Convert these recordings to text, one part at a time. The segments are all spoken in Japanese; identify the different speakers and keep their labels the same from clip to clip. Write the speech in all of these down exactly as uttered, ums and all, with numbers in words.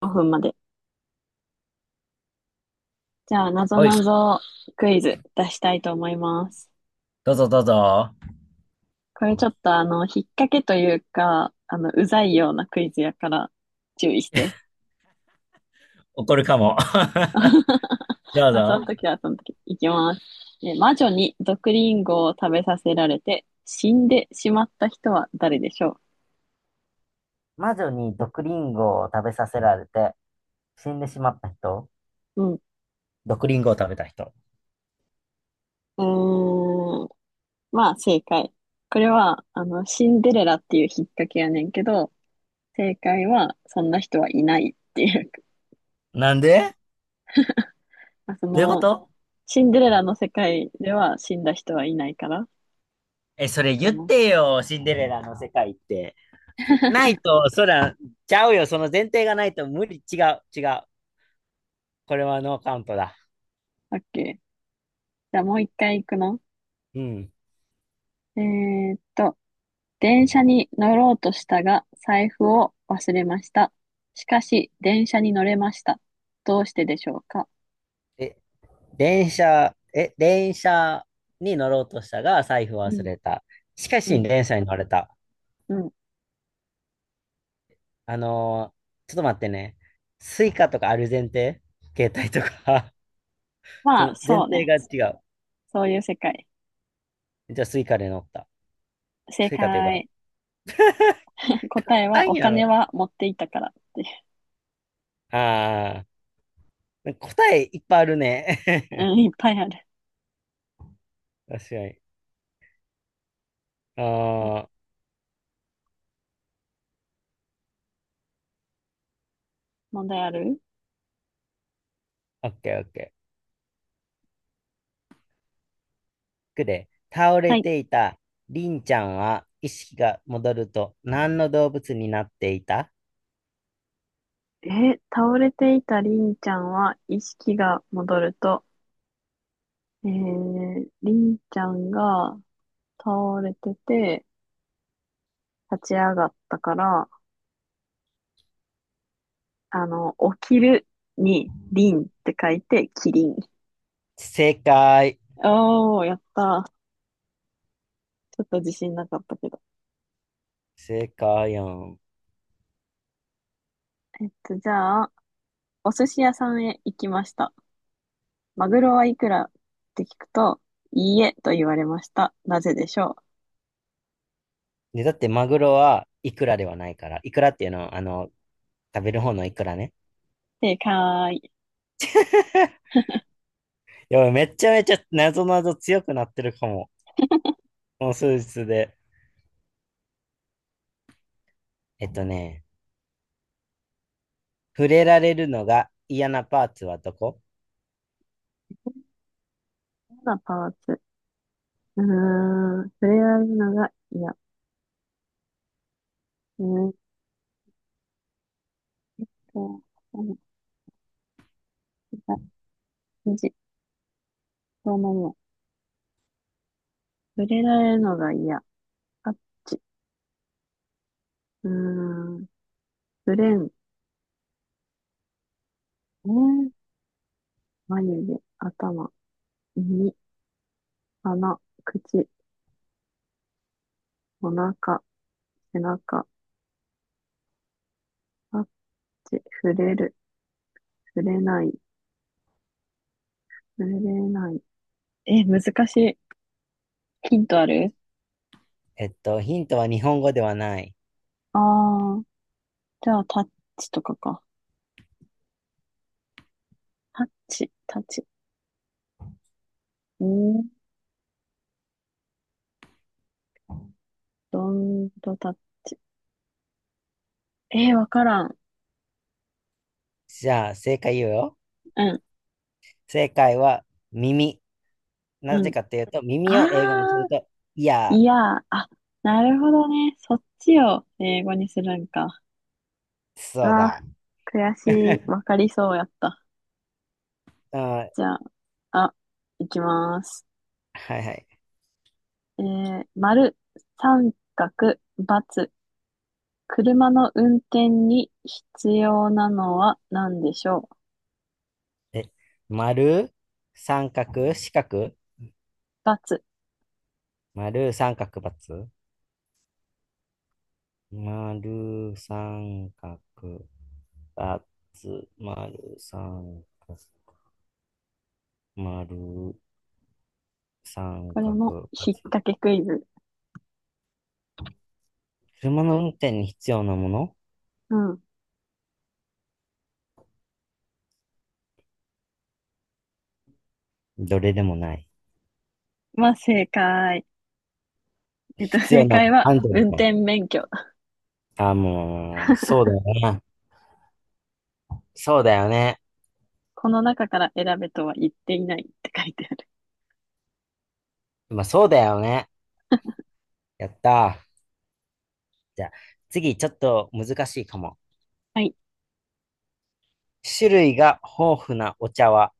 Speaker 1: ごふんまで。じゃあ、なぞ
Speaker 2: おい
Speaker 1: な
Speaker 2: し、
Speaker 1: ぞクイズ出したいと思います。
Speaker 2: どうぞどうぞ。
Speaker 1: これちょっとあの、引っ掛けというか、あの、うざいようなクイズやから注意して。
Speaker 2: 怒るかも。どう
Speaker 1: まあ、そ
Speaker 2: ぞ。
Speaker 1: の時はその時。いきます。え魔女に毒リンゴを食べさせられて死んでしまった人は誰でしょ
Speaker 2: 魔女に毒リンゴを食べさせられて死んでしまった人。
Speaker 1: う？うん。
Speaker 2: 毒リンゴを食べた人。
Speaker 1: うーん。まあ、正解。これは、あの、シンデレラっていう引っ掛けやねんけど、正解は、そんな人はいないっていう。
Speaker 2: なんで？
Speaker 1: まあそ
Speaker 2: どういうこ
Speaker 1: の、
Speaker 2: と？
Speaker 1: シンデレラの世界では死んだ人はいないから、
Speaker 2: え、それ
Speaker 1: か
Speaker 2: 言っ
Speaker 1: な。オ
Speaker 2: てよ、シンデレラの世界って。ないと、そら、ちゃうよ、その前提がないと無理、違う、違う。これはノーカウントだ。
Speaker 1: ッケー。じゃあもう一回行くの？
Speaker 2: うん。
Speaker 1: えーっと、電車に乗ろうとしたが、財布を忘れました。しかし、電車に乗れました。どうしてでしょうか？
Speaker 2: え、電車、え、電車に乗ろうとしたが、財布を
Speaker 1: う
Speaker 2: 忘
Speaker 1: ん、
Speaker 2: れた。しか
Speaker 1: う
Speaker 2: し、
Speaker 1: ん、
Speaker 2: 電車に乗れた。
Speaker 1: うん。
Speaker 2: あのーちょっと待ってね。スイカとかある前提、携帯とか。 そ
Speaker 1: ま
Speaker 2: の
Speaker 1: あ、
Speaker 2: 前
Speaker 1: そう
Speaker 2: 提
Speaker 1: ね。
Speaker 2: が違う。
Speaker 1: そういう世界。
Speaker 2: じゃあスイカで乗った。
Speaker 1: 正
Speaker 2: スイカというか、
Speaker 1: 解。
Speaker 2: 簡
Speaker 1: 答えは、
Speaker 2: 単
Speaker 1: お
Speaker 2: や
Speaker 1: 金
Speaker 2: ろ。
Speaker 1: は持っていたからっていう。
Speaker 2: ああ、答えいっぱいあるね。
Speaker 1: うん、いっぱいある。
Speaker 2: 確かに。ああ、
Speaker 1: 問題ある？
Speaker 2: オッケーオッケー。くで、倒
Speaker 1: は
Speaker 2: れ
Speaker 1: い。
Speaker 2: ていたりんちゃんは意識が戻ると何の動物になっていた？
Speaker 1: えー倒れていたりんちゃんは意識が戻ると、えー、りんちゃんが倒れてて、立ち上がったから、あの、起きるに、りんって書いて、キリン。
Speaker 2: 正解。
Speaker 1: おー、やった。ちょっと自信なかったけど。
Speaker 2: 正解やん。
Speaker 1: えっと、じゃあ、お寿司屋さんへ行きました。マグロはいくらって聞くと、いいえと言われました。なぜでしょう？
Speaker 2: で、だってマグロはいくらではないから。いくらっていうのは、あの、食べる方のいくらね。
Speaker 1: 正解。
Speaker 2: やばい、めちゃめちゃ謎々強くなってるかも。この数日で。えっとね、触れられるのが嫌なパーツはどこ？
Speaker 1: 嫌なパーツ。うーん、触れられるのが嫌。うーんと、あの、無どうなるのまま触れられるのが嫌。タッチ。うーん。触れん。えー眉毛、頭、耳、鼻、口、お腹、背中、タッチ、触れる、触れない、触れない。え、難しい。ヒントある？
Speaker 2: えっと、ヒントは日本語ではない。
Speaker 1: ああー、じゃあタッチとかか。タッチ、タッチ。うーん、どんとタッチ。えー、わからん。
Speaker 2: じゃあ、正解言うよ。
Speaker 1: うん、
Speaker 2: 正解は耳。な
Speaker 1: う
Speaker 2: ぜ
Speaker 1: ん。
Speaker 2: かというと、
Speaker 1: あ
Speaker 2: 耳を英語にす
Speaker 1: あ、
Speaker 2: ると、いや、
Speaker 1: いや、あ、なるほどね。そっちを英語にするんか。う
Speaker 2: そう
Speaker 1: わ、
Speaker 2: だ。
Speaker 1: 悔しい。わかりそうやった。
Speaker 2: あ、
Speaker 1: じゃあ、あ、いきます。
Speaker 2: はいはい。
Speaker 1: えー、丸、三角、×、車の運転に必要なのは何でしょう？×、
Speaker 2: え、丸、三角、四角、
Speaker 1: バツ、
Speaker 2: 丸、三角、×、丸、三角、二つ、丸、三角、丸、三
Speaker 1: これ
Speaker 2: 角。
Speaker 1: も引っ掛けクイズ。
Speaker 2: 車の運転に必要なもの。
Speaker 1: うん。
Speaker 2: どれでもない。
Speaker 1: まあ、正解。えっと、
Speaker 2: 必
Speaker 1: 正
Speaker 2: 要な、
Speaker 1: 解は、
Speaker 2: アンドル
Speaker 1: 運
Speaker 2: が。
Speaker 1: 転免許。
Speaker 2: あ、もう、そうだよね。そうだよね。
Speaker 1: この中から選べとは言っていないって書いてある。
Speaker 2: まあ、そうだよね。やったー。じゃあ、次、ちょっと難しいかも。
Speaker 1: はい。
Speaker 2: 種類が豊富なお茶は、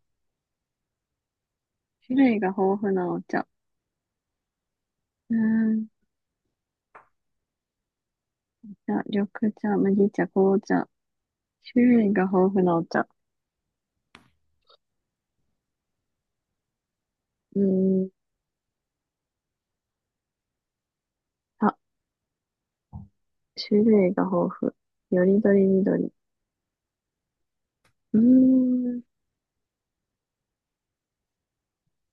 Speaker 1: 種類が豊富なお茶。うーん。じゃあ、緑茶、麦茶、紅茶、種類が豊富なお茶。うーん。あ、種類が豊富。よりどりみどり。うーん。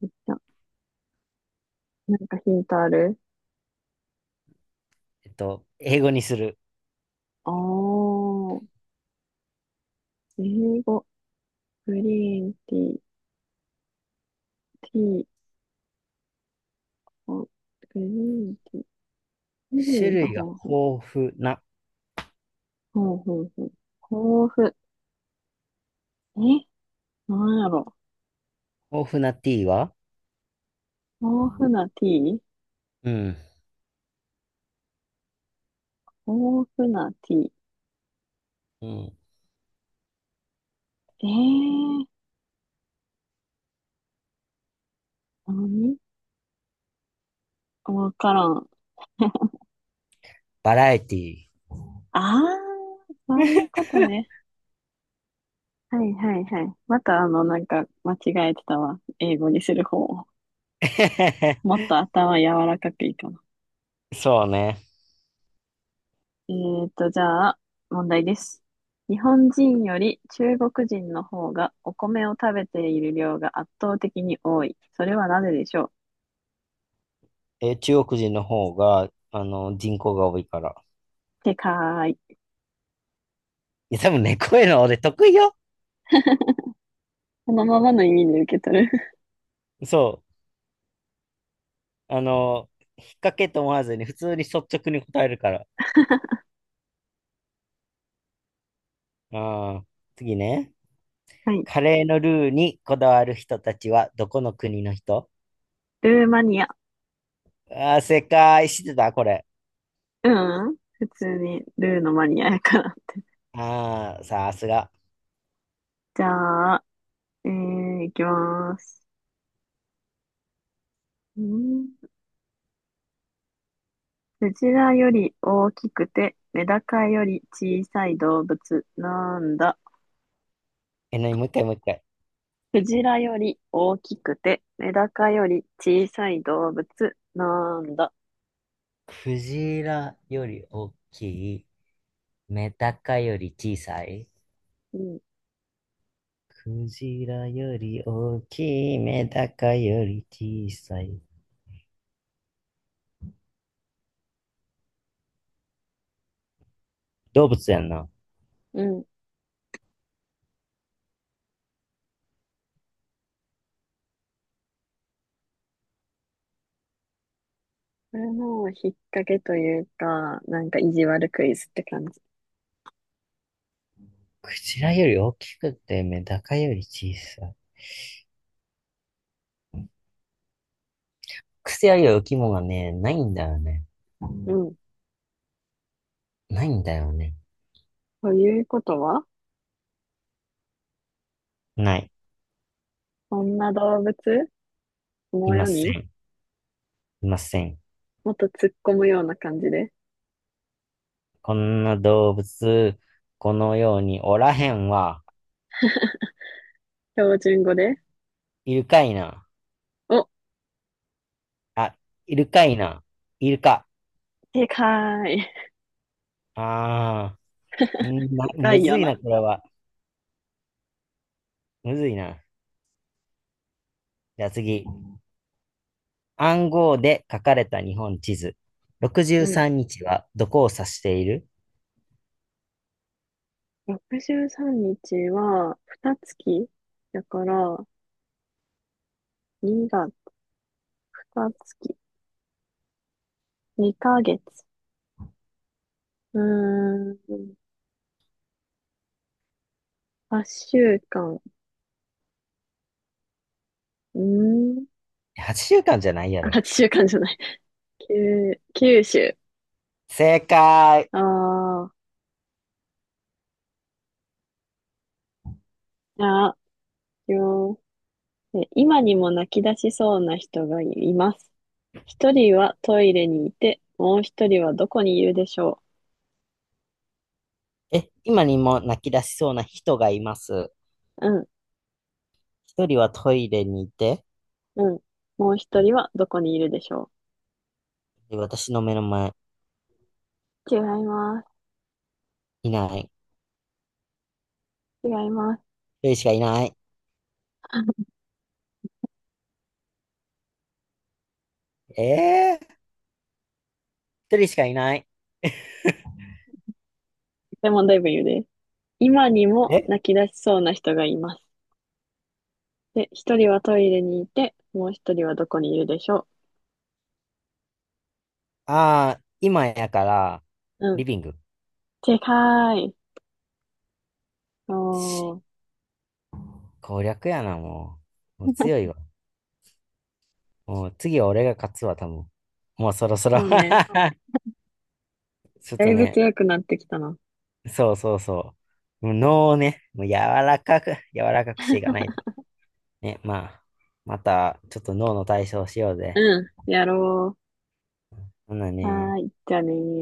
Speaker 1: お茶。なんかヒントある？
Speaker 2: えっと、英語にする。
Speaker 1: あー。英語。グリーンティー。ティー。おグリーンティー。種類
Speaker 2: 種
Speaker 1: が
Speaker 2: 類が
Speaker 1: 豊富。
Speaker 2: 豊富な、
Speaker 1: ほうほうほう。豊富。えなんやろ。
Speaker 2: 豊富なティーは？
Speaker 1: 豊富なティー。
Speaker 2: うん。
Speaker 1: 豊富なティー。
Speaker 2: うん。
Speaker 1: えー、何わからん。
Speaker 2: バラエティ
Speaker 1: あー、そういうことね。はいはいはい。またあの、なんか間違えてたわ。英語にする方を。
Speaker 2: ー。
Speaker 1: もっと頭柔らかくいいかな。
Speaker 2: そうね。
Speaker 1: えーと、じゃあ、問題です。日本人より中国人の方がお米を食べている量が圧倒的に多い。それはなぜでしょう？
Speaker 2: え中国人の方が、あの、人口が多いから。
Speaker 1: てかーい。
Speaker 2: いや、多分ね、こういうの俺得意よ。
Speaker 1: このままの意味で受け取る。
Speaker 2: そう。あの、引っ掛けと思わずに、普通に率直に答えるから。ああ、次ね。
Speaker 1: はい。
Speaker 2: カレーのルーにこだわる人たちは、どこの国の人？
Speaker 1: ルーマニア。
Speaker 2: ああー、正解知ってた、これ。
Speaker 1: うん。普通にルーのマニアやから。
Speaker 2: ああ、さすが。
Speaker 1: じゃあ、えー、いきます。うん。クジラより大きくて、メダカより小さい動物なんだ。
Speaker 2: え、なに、もう一回、もう一回。
Speaker 1: クジラより大きくて、メダカより小さい動物なんだ。
Speaker 2: クジラより大きい、メダカより小さい。
Speaker 1: うん、
Speaker 2: クジラより大きい、メダカより小さい。動物やんな。
Speaker 1: うん。これも引っ掛けというか、なんか意地悪クイズって感じ。
Speaker 2: クジラより大きくて、メダカより小さい。クセある生き物がね、ないんだよね。
Speaker 1: うん。
Speaker 2: ないんだよね。
Speaker 1: ということは、
Speaker 2: ない。
Speaker 1: こんな動物こ
Speaker 2: い
Speaker 1: の
Speaker 2: ま
Speaker 1: 世
Speaker 2: せ
Speaker 1: に、
Speaker 2: ん。いません。
Speaker 1: もっと突っ込むような感じで、
Speaker 2: こんな動物、このようにおらへんわ。
Speaker 1: 標準語で。
Speaker 2: いるかいな。
Speaker 1: お、
Speaker 2: あ、いるかいな。いるか。
Speaker 1: でかい。
Speaker 2: あー、んま
Speaker 1: 深
Speaker 2: む
Speaker 1: い
Speaker 2: ず
Speaker 1: よ
Speaker 2: いな、
Speaker 1: な。
Speaker 2: これは。むずいな。じゃあ次。暗号で書かれた日本地図。
Speaker 1: う
Speaker 2: 63
Speaker 1: ん。
Speaker 2: 日はどこを指している？
Speaker 1: ろくじゅうさんにちは、二月だから、にがつ、二月、にかげつ。うーん、はっしゅうかん。うーん、
Speaker 2: はち 週間じゃないや
Speaker 1: あ、
Speaker 2: ろ。
Speaker 1: はっしゅうかんじゃない。きゅう、九週。
Speaker 2: 正解。
Speaker 1: ああ、じゃあ、よ、え今にも泣き出しそうな人がいます。一人はトイレにいて、もう一人はどこにいるでしょ
Speaker 2: え、今にも泣き出しそうな人がいます。
Speaker 1: う？うん、
Speaker 2: 一人はトイレにいて、
Speaker 1: うん。もう一人はどこにいるでしょ
Speaker 2: 私の目の前、
Speaker 1: う？違います。
Speaker 2: いない。
Speaker 1: 違います。
Speaker 2: 一人しかいない。えー、一人しかいない。
Speaker 1: でもだい言うです。今にも
Speaker 2: え
Speaker 1: 泣き出しそうな人がいます。で、一人はトイレにいて、もう一人はどこにいるでしょ
Speaker 2: ああー、今やから、
Speaker 1: う？う
Speaker 2: リ
Speaker 1: ん。
Speaker 2: ビング。
Speaker 1: 正解。お
Speaker 2: し
Speaker 1: ー、
Speaker 2: 攻略やな、もう。もう強いわ。もう次は俺が勝つわ、多分。もうそろそろ。
Speaker 1: そうね。
Speaker 2: ちょっ
Speaker 1: だ
Speaker 2: と
Speaker 1: いぶ
Speaker 2: ね、
Speaker 1: 強くなってきたな。
Speaker 2: そうそうそう。もう脳をね、もう柔らかく、柔らかくしていかないと。ね、まあ、また、ちょっと脳の体操しようぜ。
Speaker 1: うん。やろ
Speaker 2: ほんな
Speaker 1: う。は
Speaker 2: ね。
Speaker 1: ーい。じゃあねー。